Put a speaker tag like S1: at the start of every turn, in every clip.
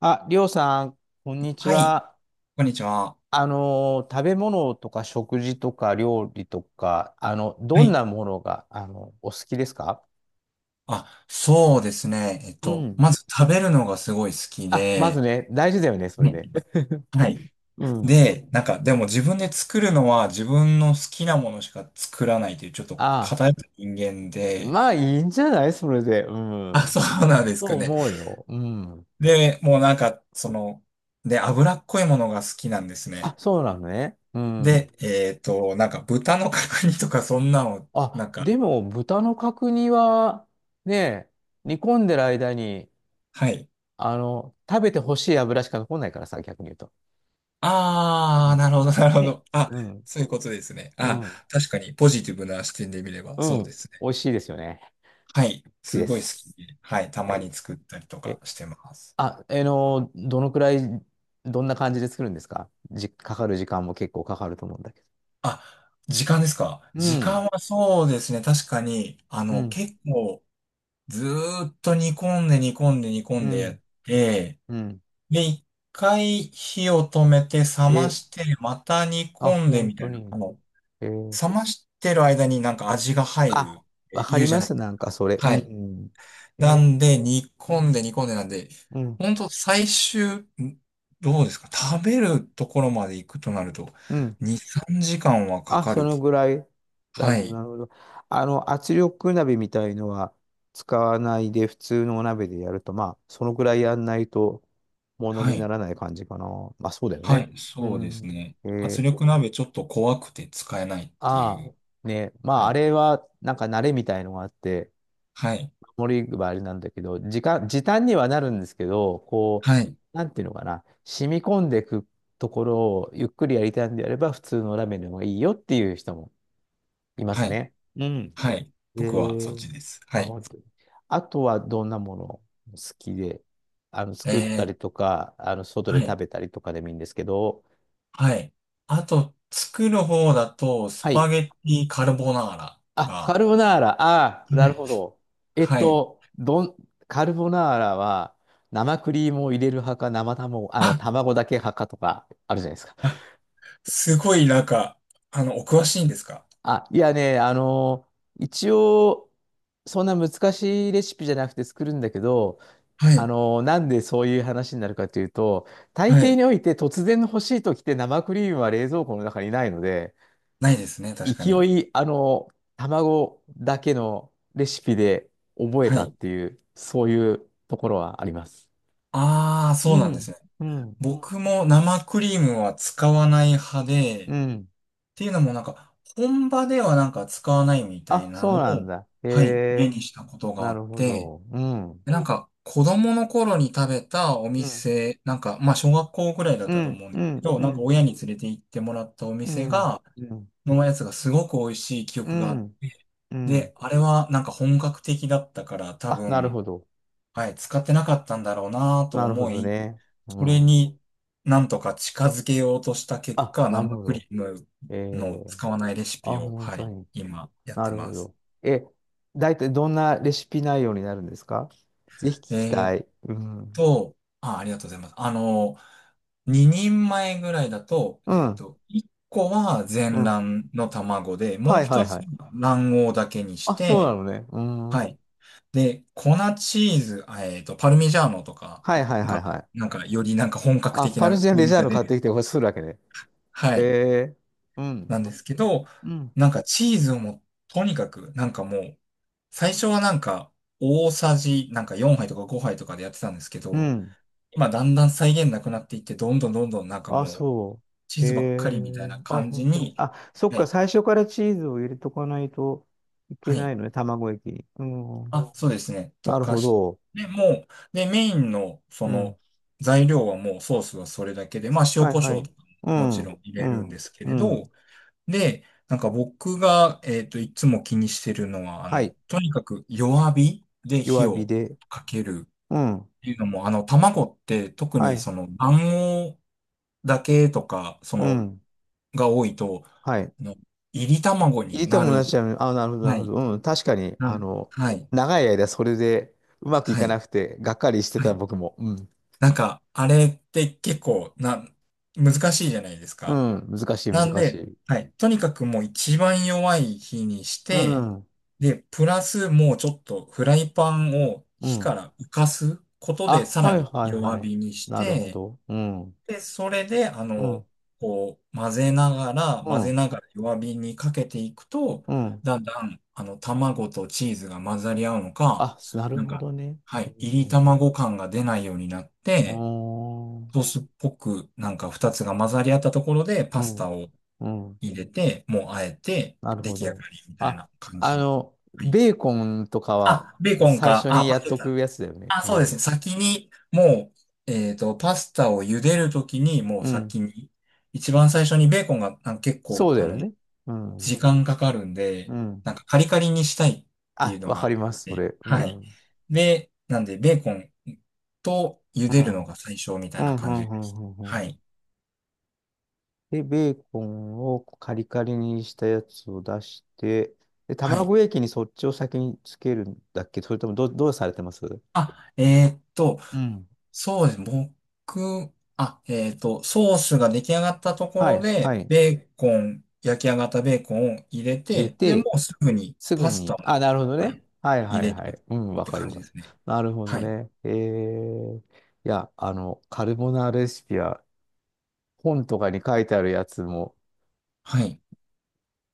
S1: あ、りょうさん、こんにち
S2: はい、
S1: は。
S2: こんにちは。
S1: 食べ物とか食事とか料理とか、ど
S2: は
S1: ん
S2: い。
S1: なものが、お好きですか？
S2: あ、そうですね。
S1: うん。
S2: まず食べるのがすごい好き
S1: あ、まず
S2: で、
S1: ね、大事だよね、それ
S2: ね。
S1: ね。
S2: はい。
S1: うん。
S2: で、なんか、でも自分で作るのは自分の好きなものしか作らないという、ちょっと
S1: あ、
S2: 偏った人間で、
S1: まあいいんじゃないそれで。う
S2: あ、
S1: ん。
S2: そうなんです
S1: そう
S2: かね。
S1: 思うよ。うん。
S2: で、もうなんか、その、で、脂っこいものが好きなんです
S1: あ、
S2: ね。
S1: そうなのね。うん。
S2: で、なんか豚の角煮とかそんなの、な
S1: あ、
S2: ん
S1: で
S2: か、
S1: も、豚の角煮は、ね、煮込んでる間に、
S2: はい。
S1: 食べてほしい油しか残んないからさ、逆に言うと。う
S2: ああ、
S1: ん
S2: なるほど、なるほ
S1: ね。
S2: ど。あ、
S1: うん。
S2: そういうことですね。
S1: う
S2: あ、
S1: ん。
S2: 確かにポジティブな視点で見れば
S1: う
S2: そうで
S1: ん。
S2: すね。
S1: 美味しいですよね。
S2: はい。
S1: 好き
S2: す
S1: で
S2: ごい好き
S1: す。
S2: で。はい。た
S1: は
S2: ま
S1: い。
S2: に作ったりとか
S1: え、
S2: してます。
S1: あ、どのくらい、どんな感じで作るんですか？かかる時間も結構かかると思うんだけど。
S2: あ、時間ですか？
S1: う
S2: 時
S1: ん。
S2: 間はそうですね。確かに、
S1: うん。
S2: 結構ずーっと煮込んで煮込んで煮込
S1: う
S2: んでやっ
S1: ん。
S2: て、
S1: うん。
S2: で、一回火を止めて冷ま
S1: え、
S2: して、また煮
S1: あ、
S2: 込んで
S1: 本
S2: みた
S1: 当
S2: いな、
S1: に。えー
S2: 冷ましてる間になんか味が入る
S1: あ、
S2: っ
S1: わ
S2: て
S1: か
S2: 言う
S1: り
S2: じゃ
S1: ま
S2: な
S1: す。
S2: いです
S1: なん
S2: か。
S1: かそれ。う
S2: はい。
S1: ん。え
S2: な
S1: ー
S2: んで、煮
S1: う
S2: 込んで
S1: ん。
S2: 煮込んでなんで、
S1: うん。
S2: ほんと最終、んどうですか？食べるところまで行くとなると、
S1: うん
S2: 2、3時間はか
S1: あ、
S2: か
S1: そ
S2: る。
S1: のぐらい。なる
S2: は
S1: ほど、
S2: い。
S1: なるほど。圧力鍋みたいのは使わないで、普通のお鍋でやると、まあ、そのぐらいやんないと、もの
S2: は
S1: に
S2: い。
S1: ならない感じかな。まあ、そうだよ
S2: は
S1: ね。
S2: い。
S1: う
S2: そうです
S1: ん。
S2: ね。
S1: え
S2: 圧
S1: ー、
S2: 力鍋ちょっと怖くて使えないってい
S1: ああ、
S2: う。
S1: ね、ま
S2: は
S1: あ、あ
S2: い。
S1: れは、なんか慣れみたいのがあって、
S2: はい。
S1: 守りはあれなんだけど、時短にはなるんですけど、こ
S2: はい。
S1: う、なんていうのかな、染み込んでいくところをゆっくりやりたいんであれば、普通のラーメンの方がいいよっていう人もいま
S2: は
S1: す
S2: い。
S1: ね。うん。
S2: はい。
S1: え
S2: 僕はそっ
S1: ー、
S2: ちです。は
S1: あ、
S2: い。
S1: 本当に。あとはどんなもの好きで、
S2: え
S1: 作った
S2: ー、
S1: りとか、外
S2: は
S1: で
S2: い。
S1: 食べたりとかでもいいんですけど、
S2: はい。あと、作る方だと、ス
S1: はい。
S2: パゲッティカルボナーラ
S1: あ、カ
S2: が、
S1: ルボナーラ。ああ、
S2: はい。
S1: なるほど。えっ
S2: はい。
S1: と、どん、カルボナーラは、生クリームを入れる派か、生卵、卵だけ派かとか、あるじゃないですか。
S2: すごいなんか、お詳しいんですか？
S1: あ、いやね、一応、そんな難しいレシピじゃなくて作るんだけど、
S2: はい。
S1: なんでそういう話になるかというと、大
S2: は
S1: 抵
S2: い。
S1: において突然の欲しい時って生クリームは冷蔵庫の中にないので、
S2: ないですね、確か
S1: 勢
S2: に。
S1: い、卵だけのレシピで覚え
S2: は
S1: たっ
S2: い。
S1: ていう、そういうところはあります。
S2: ああ、
S1: う
S2: そうなんです
S1: ん、
S2: ね。
S1: うん、
S2: 僕も生クリームは使わない派で、
S1: う
S2: っ
S1: ん。
S2: ていうのもなんか、本場ではなんか使わないみたい
S1: あ、
S2: な
S1: そ
S2: の
S1: うなん
S2: を、
S1: だ。へ
S2: はい、目
S1: え、
S2: にしたことがあ
S1: な
S2: っ
S1: るほ
S2: て、
S1: ど。うん、
S2: でなんか、子供の頃に食べたお
S1: うん、
S2: 店、なんか、まあ、小学校ぐらいだっ
S1: う
S2: たと
S1: ん、
S2: 思うんで
S1: う
S2: すけ
S1: ん、
S2: ど、
S1: う
S2: なんか
S1: ん、
S2: 親に連れて行ってもらったお
S1: う
S2: 店
S1: ん、
S2: が、
S1: うん、
S2: のやつがすごく美味しい記
S1: う
S2: 憶があっ
S1: ん、
S2: て、
S1: う
S2: で、
S1: ん。
S2: あれはなんか本格的だったから多
S1: あ、なる
S2: 分、
S1: ほど。
S2: はい、使ってなかったんだろうなと
S1: なるほ
S2: 思
S1: ど
S2: い、
S1: ね。う
S2: それ
S1: ん。
S2: になんとか近づけようとした結
S1: あ、
S2: 果、
S1: なる
S2: 生
S1: ほ
S2: クリ
S1: ど。
S2: ーム
S1: え
S2: の
S1: え
S2: 使わないレシピ
S1: あ、
S2: を、
S1: 本
S2: は
S1: 当
S2: い、
S1: に。
S2: 今やっ
S1: な
S2: て
S1: るほ
S2: ます。
S1: ど。え、大体どんなレシピ内容になるんですか？ぜひ聞き
S2: え
S1: た
S2: ーっ
S1: い。うん。
S2: と、あ、ありがとうございます。2人前ぐらいだと、
S1: うん。
S2: 1個は
S1: う
S2: 全
S1: ん。
S2: 卵の卵で、も
S1: は
S2: う
S1: いは
S2: 一
S1: い
S2: つ
S1: はい。
S2: は卵黄だけにし
S1: あ、そうな
S2: て、
S1: のね。うん。
S2: は
S1: は
S2: い。で、粉チーズ、パルミジャーノとか
S1: いはいはい
S2: が、
S1: はい。
S2: なんか、よりなんか本格
S1: あ、
S2: 的
S1: パル
S2: な
S1: ジャン
S2: 風
S1: レジ
S2: 味
S1: ャー
S2: が
S1: ノ
S2: 出
S1: 買って
S2: る。
S1: きてこれするわけね。
S2: は
S1: え
S2: い。
S1: えうん。
S2: なんですけど、
S1: うん。
S2: なんかチーズをもう、とにかく、なんかもう、最初はなんか、大さじ、なんか4杯とか5杯とかでやってたんですけ
S1: う
S2: ど、
S1: ん。
S2: 今だんだん再現なくなっていって、どんどんどんどんなんか
S1: あ、
S2: もう、
S1: そ
S2: チ
S1: う。
S2: ー
S1: え
S2: ズばっかりみたいな
S1: えあ、
S2: 感じ
S1: 本当に。
S2: に、
S1: あ、そっ
S2: は
S1: か、
S2: い。
S1: 最初からチーズを入れとかないといけ
S2: は
S1: な
S2: い。
S1: いのね、卵液に。うん。
S2: あ、そうですね。溶
S1: なる
S2: か
S1: ほ
S2: し
S1: ど。
S2: て、もう、で、メインの、そ
S1: うん。
S2: の、材料はもうソースはそれだけで、まあ、塩
S1: はい
S2: コシ
S1: は
S2: ョウ
S1: い。
S2: とか
S1: う
S2: もも
S1: ん、
S2: ちろん入
S1: う
S2: れるんで
S1: ん、
S2: すけ
S1: う
S2: れど、
S1: ん。
S2: で、なんか僕が、いつも気にしてるのは、
S1: はい。
S2: とにかく弱火で火
S1: 弱火
S2: を
S1: で。
S2: かけるっ
S1: うん。
S2: ていうのも、卵って特
S1: は
S2: に
S1: い。
S2: その卵黄だけとか、そ
S1: う
S2: の、
S1: ん。
S2: が多いと、
S1: はい。
S2: あの、炒り卵
S1: 入れ
S2: に
S1: て
S2: な
S1: も同
S2: る。
S1: じだよね。あ、なるほど、な
S2: は
S1: るほど。
S2: い。
S1: うん。確かに、
S2: はい。
S1: 長い間それでうまくい
S2: は
S1: か
S2: い。
S1: なくて、がっかりして
S2: は
S1: た
S2: い。
S1: 僕も。うん。
S2: なんか、あれって結構な、難しいじゃないです
S1: う
S2: か。
S1: ん。難しい、
S2: なん
S1: 難し
S2: で、
S1: い。
S2: はい。とにかくもう一番弱い火にし
S1: う
S2: て、
S1: ん。
S2: で、プラスもうちょっとフライパンを
S1: う
S2: 火か
S1: ん。
S2: ら浮かすことで
S1: あ、
S2: さら
S1: はい、
S2: に
S1: はい、は
S2: 弱
S1: い。
S2: 火にし
S1: なるほ
S2: て、
S1: ど。うん。
S2: で、それで、
S1: うん。
S2: こう、混ぜながら、
S1: う
S2: 混ぜ
S1: ん。
S2: ながら弱火にかけていくと、
S1: うん。
S2: だんだん、卵とチーズが混ざり合うのか、
S1: あ、なる
S2: なん
S1: ほ
S2: か、
S1: どね。
S2: は
S1: う
S2: い、炒り
S1: ん。
S2: 卵感が出ないようになっ
S1: う
S2: て、
S1: ん。
S2: ソースっぽくなんか二つが混ざり合ったところでパ
S1: うん。あ
S2: ス
S1: ー
S2: タを
S1: うん。うん
S2: 入れて、もうあえて
S1: なる
S2: 出
S1: ほ
S2: 来上が
S1: ど。
S2: りみたい
S1: あ、
S2: な感じ。はい。
S1: ベーコンとかは
S2: あ、ベーコン
S1: 最
S2: か。
S1: 初
S2: あ、
S1: に
S2: パ
S1: やっ
S2: ス
S1: とく
S2: タ。
S1: やつだよね。
S2: あ、
S1: う
S2: そうですね。
S1: ん。
S2: 先にもう、パスタを茹でるときにもう
S1: うん。
S2: 先に、一番最初にベーコンがなんか結構、
S1: そうだよね。う
S2: 時
S1: ん。
S2: 間かかるん
S1: う
S2: で、
S1: ん。
S2: なんかカリカリにしたいってい
S1: あ、
S2: うの
S1: わ
S2: があ
S1: か
S2: っ
S1: ります、そ
S2: て、
S1: れ。う
S2: は
S1: ん。う
S2: い。
S1: ん。
S2: で、なんでベーコンと茹
S1: う
S2: でるの
S1: ん、
S2: が最初み
S1: う
S2: たいな
S1: ん、う
S2: 感じ
S1: ん、
S2: で
S1: うん、
S2: す。
S1: うん
S2: は
S1: うん
S2: い。
S1: で、ベーコンをカリカリにしたやつを出して、で、
S2: はい。
S1: 卵液にそっちを先につけるんだっけ？それともどうされてます？
S2: あ、
S1: うん。
S2: そうです。僕、あ、ソースが出来上がったとこ
S1: は
S2: ろ
S1: い、は
S2: で、
S1: い。
S2: ベーコン、焼き上がったベーコンを入れ
S1: 入れ
S2: て、で、も
S1: て、
S2: うすぐに
S1: すぐ
S2: パスタ
S1: に。
S2: も
S1: あ、なるほど
S2: は
S1: ね。
S2: い
S1: はい
S2: 入
S1: はい
S2: れて
S1: はい。うん、
S2: っ
S1: わ
S2: て
S1: かり
S2: 感じ
S1: ま
S2: で
S1: す。
S2: すね。
S1: なるほ
S2: は
S1: ど
S2: い。
S1: ね。いや、カルボナーラレシピは本とかに書いてあるやつも、
S2: はい。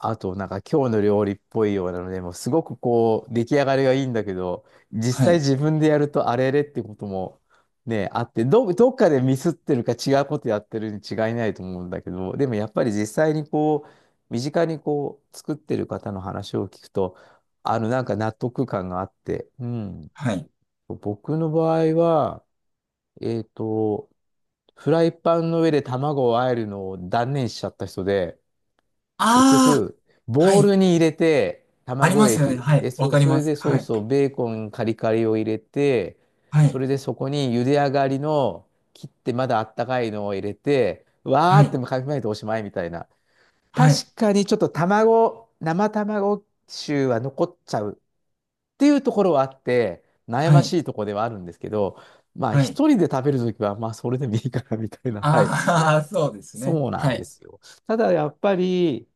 S1: あと、なんか今日の料理っぽいようなので、もうすごくこう、出来上がりがいいんだけど、実
S2: は
S1: 際
S2: い。
S1: 自分でやるとあれれってこともね、あって、どっかでミスってるか違うことやってるに違いないと思うんだけど、でもやっぱり実際にこう、身近にこう、作ってる方の話を聞くと、なんか納得感があって、うん。
S2: はい。
S1: 僕の場合は、えっと、フライパンの上で卵を和えるのを断念しちゃった人で、結
S2: ああ、
S1: 局、
S2: は
S1: ボウ
S2: い。
S1: ルに入れて、
S2: あり
S1: 卵
S2: ますよね。
S1: 液。
S2: は
S1: で、
S2: い。わかり
S1: そ
S2: ま
S1: れ
S2: す。
S1: でソ
S2: は
S1: ー
S2: い。
S1: スをベーコンカリカリを入れて、
S2: は
S1: そ
S2: い。
S1: れでそこに茹で上がりの切ってまだあったかいのを入れて、わー
S2: は
S1: って
S2: い。
S1: かき混ぜておしまいみたいな。
S2: はい。
S1: 確かにちょっと生卵臭は残っちゃうっていうところはあって、悩
S2: は
S1: まし
S2: い。
S1: いところではあるんですけど、まあ
S2: はい。
S1: 一人で食べるときは、まあそれでもいいかなみたいな。はい。
S2: ああ、そうですね。
S1: そうなん
S2: は
S1: で
S2: い。
S1: すよ。ただやっぱり、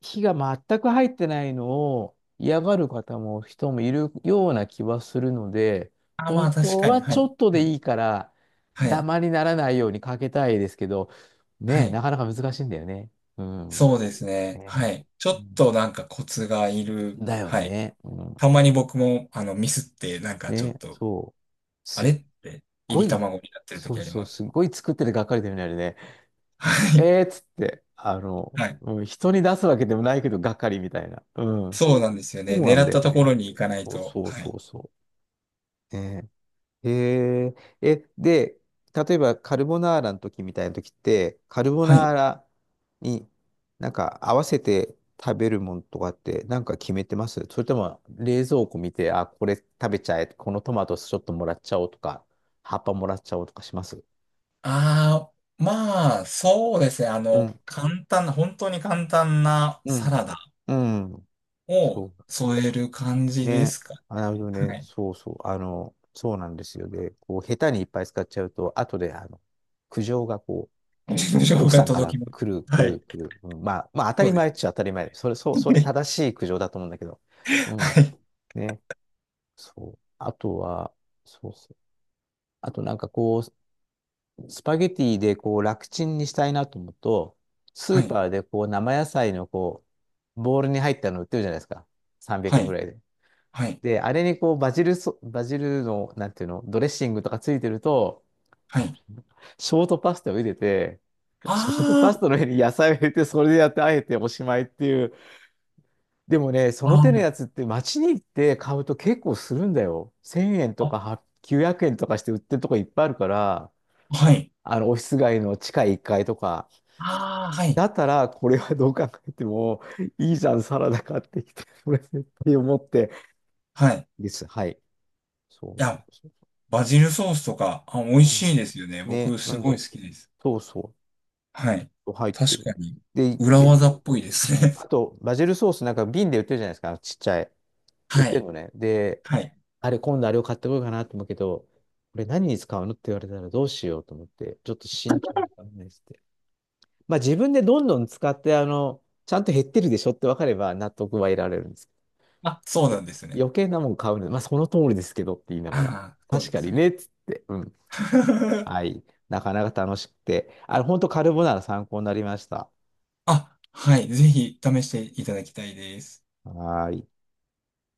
S1: 火が全く入ってないのを嫌がる人もいるような気はするので、
S2: あー、ま
S1: 本
S2: あ確
S1: 当
S2: かに。
S1: は
S2: は
S1: ちょ
S2: い。
S1: っと
S2: は
S1: で
S2: い。
S1: いいから、
S2: は
S1: ダ
S2: い。
S1: マにならないようにかけたいですけど、
S2: は
S1: ねえ、
S2: い。
S1: なかなか難しいんだよね。うん。
S2: そうですね。は
S1: ね
S2: い。ちょ
S1: う
S2: っ
S1: ん
S2: となんかコツがいる。
S1: だよ
S2: はい。
S1: ね。うん。
S2: たまに僕も、ミスって、なんかちょっ
S1: ね、
S2: と、
S1: そう。
S2: あ
S1: す
S2: れ
S1: っ
S2: って、入
S1: ご
S2: り
S1: い、
S2: 卵になってる
S1: そ
S2: 時
S1: う
S2: あり
S1: そう、
S2: ます。
S1: すっごい作っててがっかりだよね、あれね。
S2: はい。
S1: えーっつって、
S2: はい。
S1: うん、人に出すわけでもないけど、がっかりみたいな。うん。
S2: そうなんですよ
S1: そ
S2: ね。
S1: うな
S2: 狙
S1: ん
S2: っ
S1: だよ
S2: たとこ
S1: ね。
S2: ろに行かない
S1: そう
S2: と。
S1: そう
S2: は
S1: そ
S2: い。
S1: うそう。ねえへえ、で、例えばカルボナーラの時みたいな時って、カルボ
S2: は
S1: ナ
S2: い。
S1: ーラになんか合わせて食べるもんとかってなんか決めてます？それとも冷蔵庫見て、あ、これ食べちゃえ、このトマトちょっともらっちゃおうとか、葉っぱもらっちゃおうとかします？
S2: あー、まあ、そうですね。
S1: うん、
S2: 簡単な、本当に簡単な
S1: う
S2: サ
S1: ん、
S2: ラダ
S1: うん。
S2: を
S1: そ
S2: 添える感
S1: う。
S2: じで
S1: ね。
S2: すか
S1: あなるほ
S2: ね。
S1: ど
S2: は
S1: ね。
S2: い。
S1: そうそう。そうなんですよね。こう、下手にいっぱい使っちゃうと、後で、苦情がこう、
S2: 表情報
S1: 奥
S2: が
S1: さんから
S2: 届きます。
S1: 来る、
S2: は
S1: 来
S2: い。
S1: る、来る。うん、まあ、まあ、当た
S2: そ
S1: り
S2: うで
S1: 前
S2: す。
S1: っちゃ当たり前。それ正しい苦情だと思うんだけど。う
S2: は
S1: ん。
S2: い。
S1: ね。そう。あとは、そうそう。あとなんかこう、スパゲティでこう、楽ちんにしたいなと思うと、ス
S2: は
S1: ー
S2: い。
S1: パーでこう、生野菜のこう、ボウルに入ったの売ってるじゃないですか。300
S2: は
S1: 円ぐ
S2: い。
S1: らいで。
S2: はい。はい。
S1: で、あれにこう、バジルの、なんていうの、ドレッシングとかついてると、
S2: は
S1: あ
S2: い。
S1: ショートパスタを入れて、
S2: あ
S1: そのパス
S2: ー
S1: タの上に野菜を入れて、それでやって、あえておしまいっていう。でもね、そ
S2: あ
S1: の手のや
S2: ー、
S1: つって街に行って買うと結構するんだよ。1000円と
S2: あ
S1: か
S2: あ、
S1: は900円とかして売ってるとこいっぱいあるから、
S2: あ、はい。
S1: オフィス街の地下1階とか。
S2: ああ、はい。
S1: だったら、これはどう考えても、いいじゃん、サラダ買ってきて、これって思って。
S2: はい。
S1: です。はい。そう
S2: い
S1: そ
S2: や、
S1: うそ
S2: バジルソースとか、あ、美味
S1: う。う
S2: し
S1: ん。
S2: いですよね。
S1: ね、
S2: 僕、
S1: う
S2: すごい
S1: ん。
S2: 好きです。
S1: そうそ
S2: はい。
S1: う。入って
S2: 確
S1: る。
S2: かに、
S1: で、
S2: 裏
S1: で、そ
S2: 技
S1: う
S2: っぽ
S1: そ
S2: い
S1: う
S2: です
S1: うん
S2: ね。
S1: あと、バジルソースなんか瓶で売ってるじゃないですか、ちっちゃい。売っ
S2: は
S1: てん
S2: い。
S1: のね。で、
S2: はい。
S1: あれ、今度あれを買ってこようかなと思うけど、これ何に使うのって言われたらどうしようと思って、ちょっと慎重に考えてて。まあ自分でどんどん使って、ちゃんと減ってるでしょって分かれば納得は得られるんです
S2: あ、そう
S1: け
S2: な
S1: ど、
S2: んですね。
S1: 余計なもん買うの、まあその通りですけどって言いながら、
S2: ああ、そう
S1: 確
S2: で
S1: か
S2: す
S1: に
S2: ね。
S1: ねっつって、うん。はい。なかなか楽しくて、本当カルボナーラ参考になりました。
S2: あ、はい。ぜひ、試していただきたいです。
S1: はーい。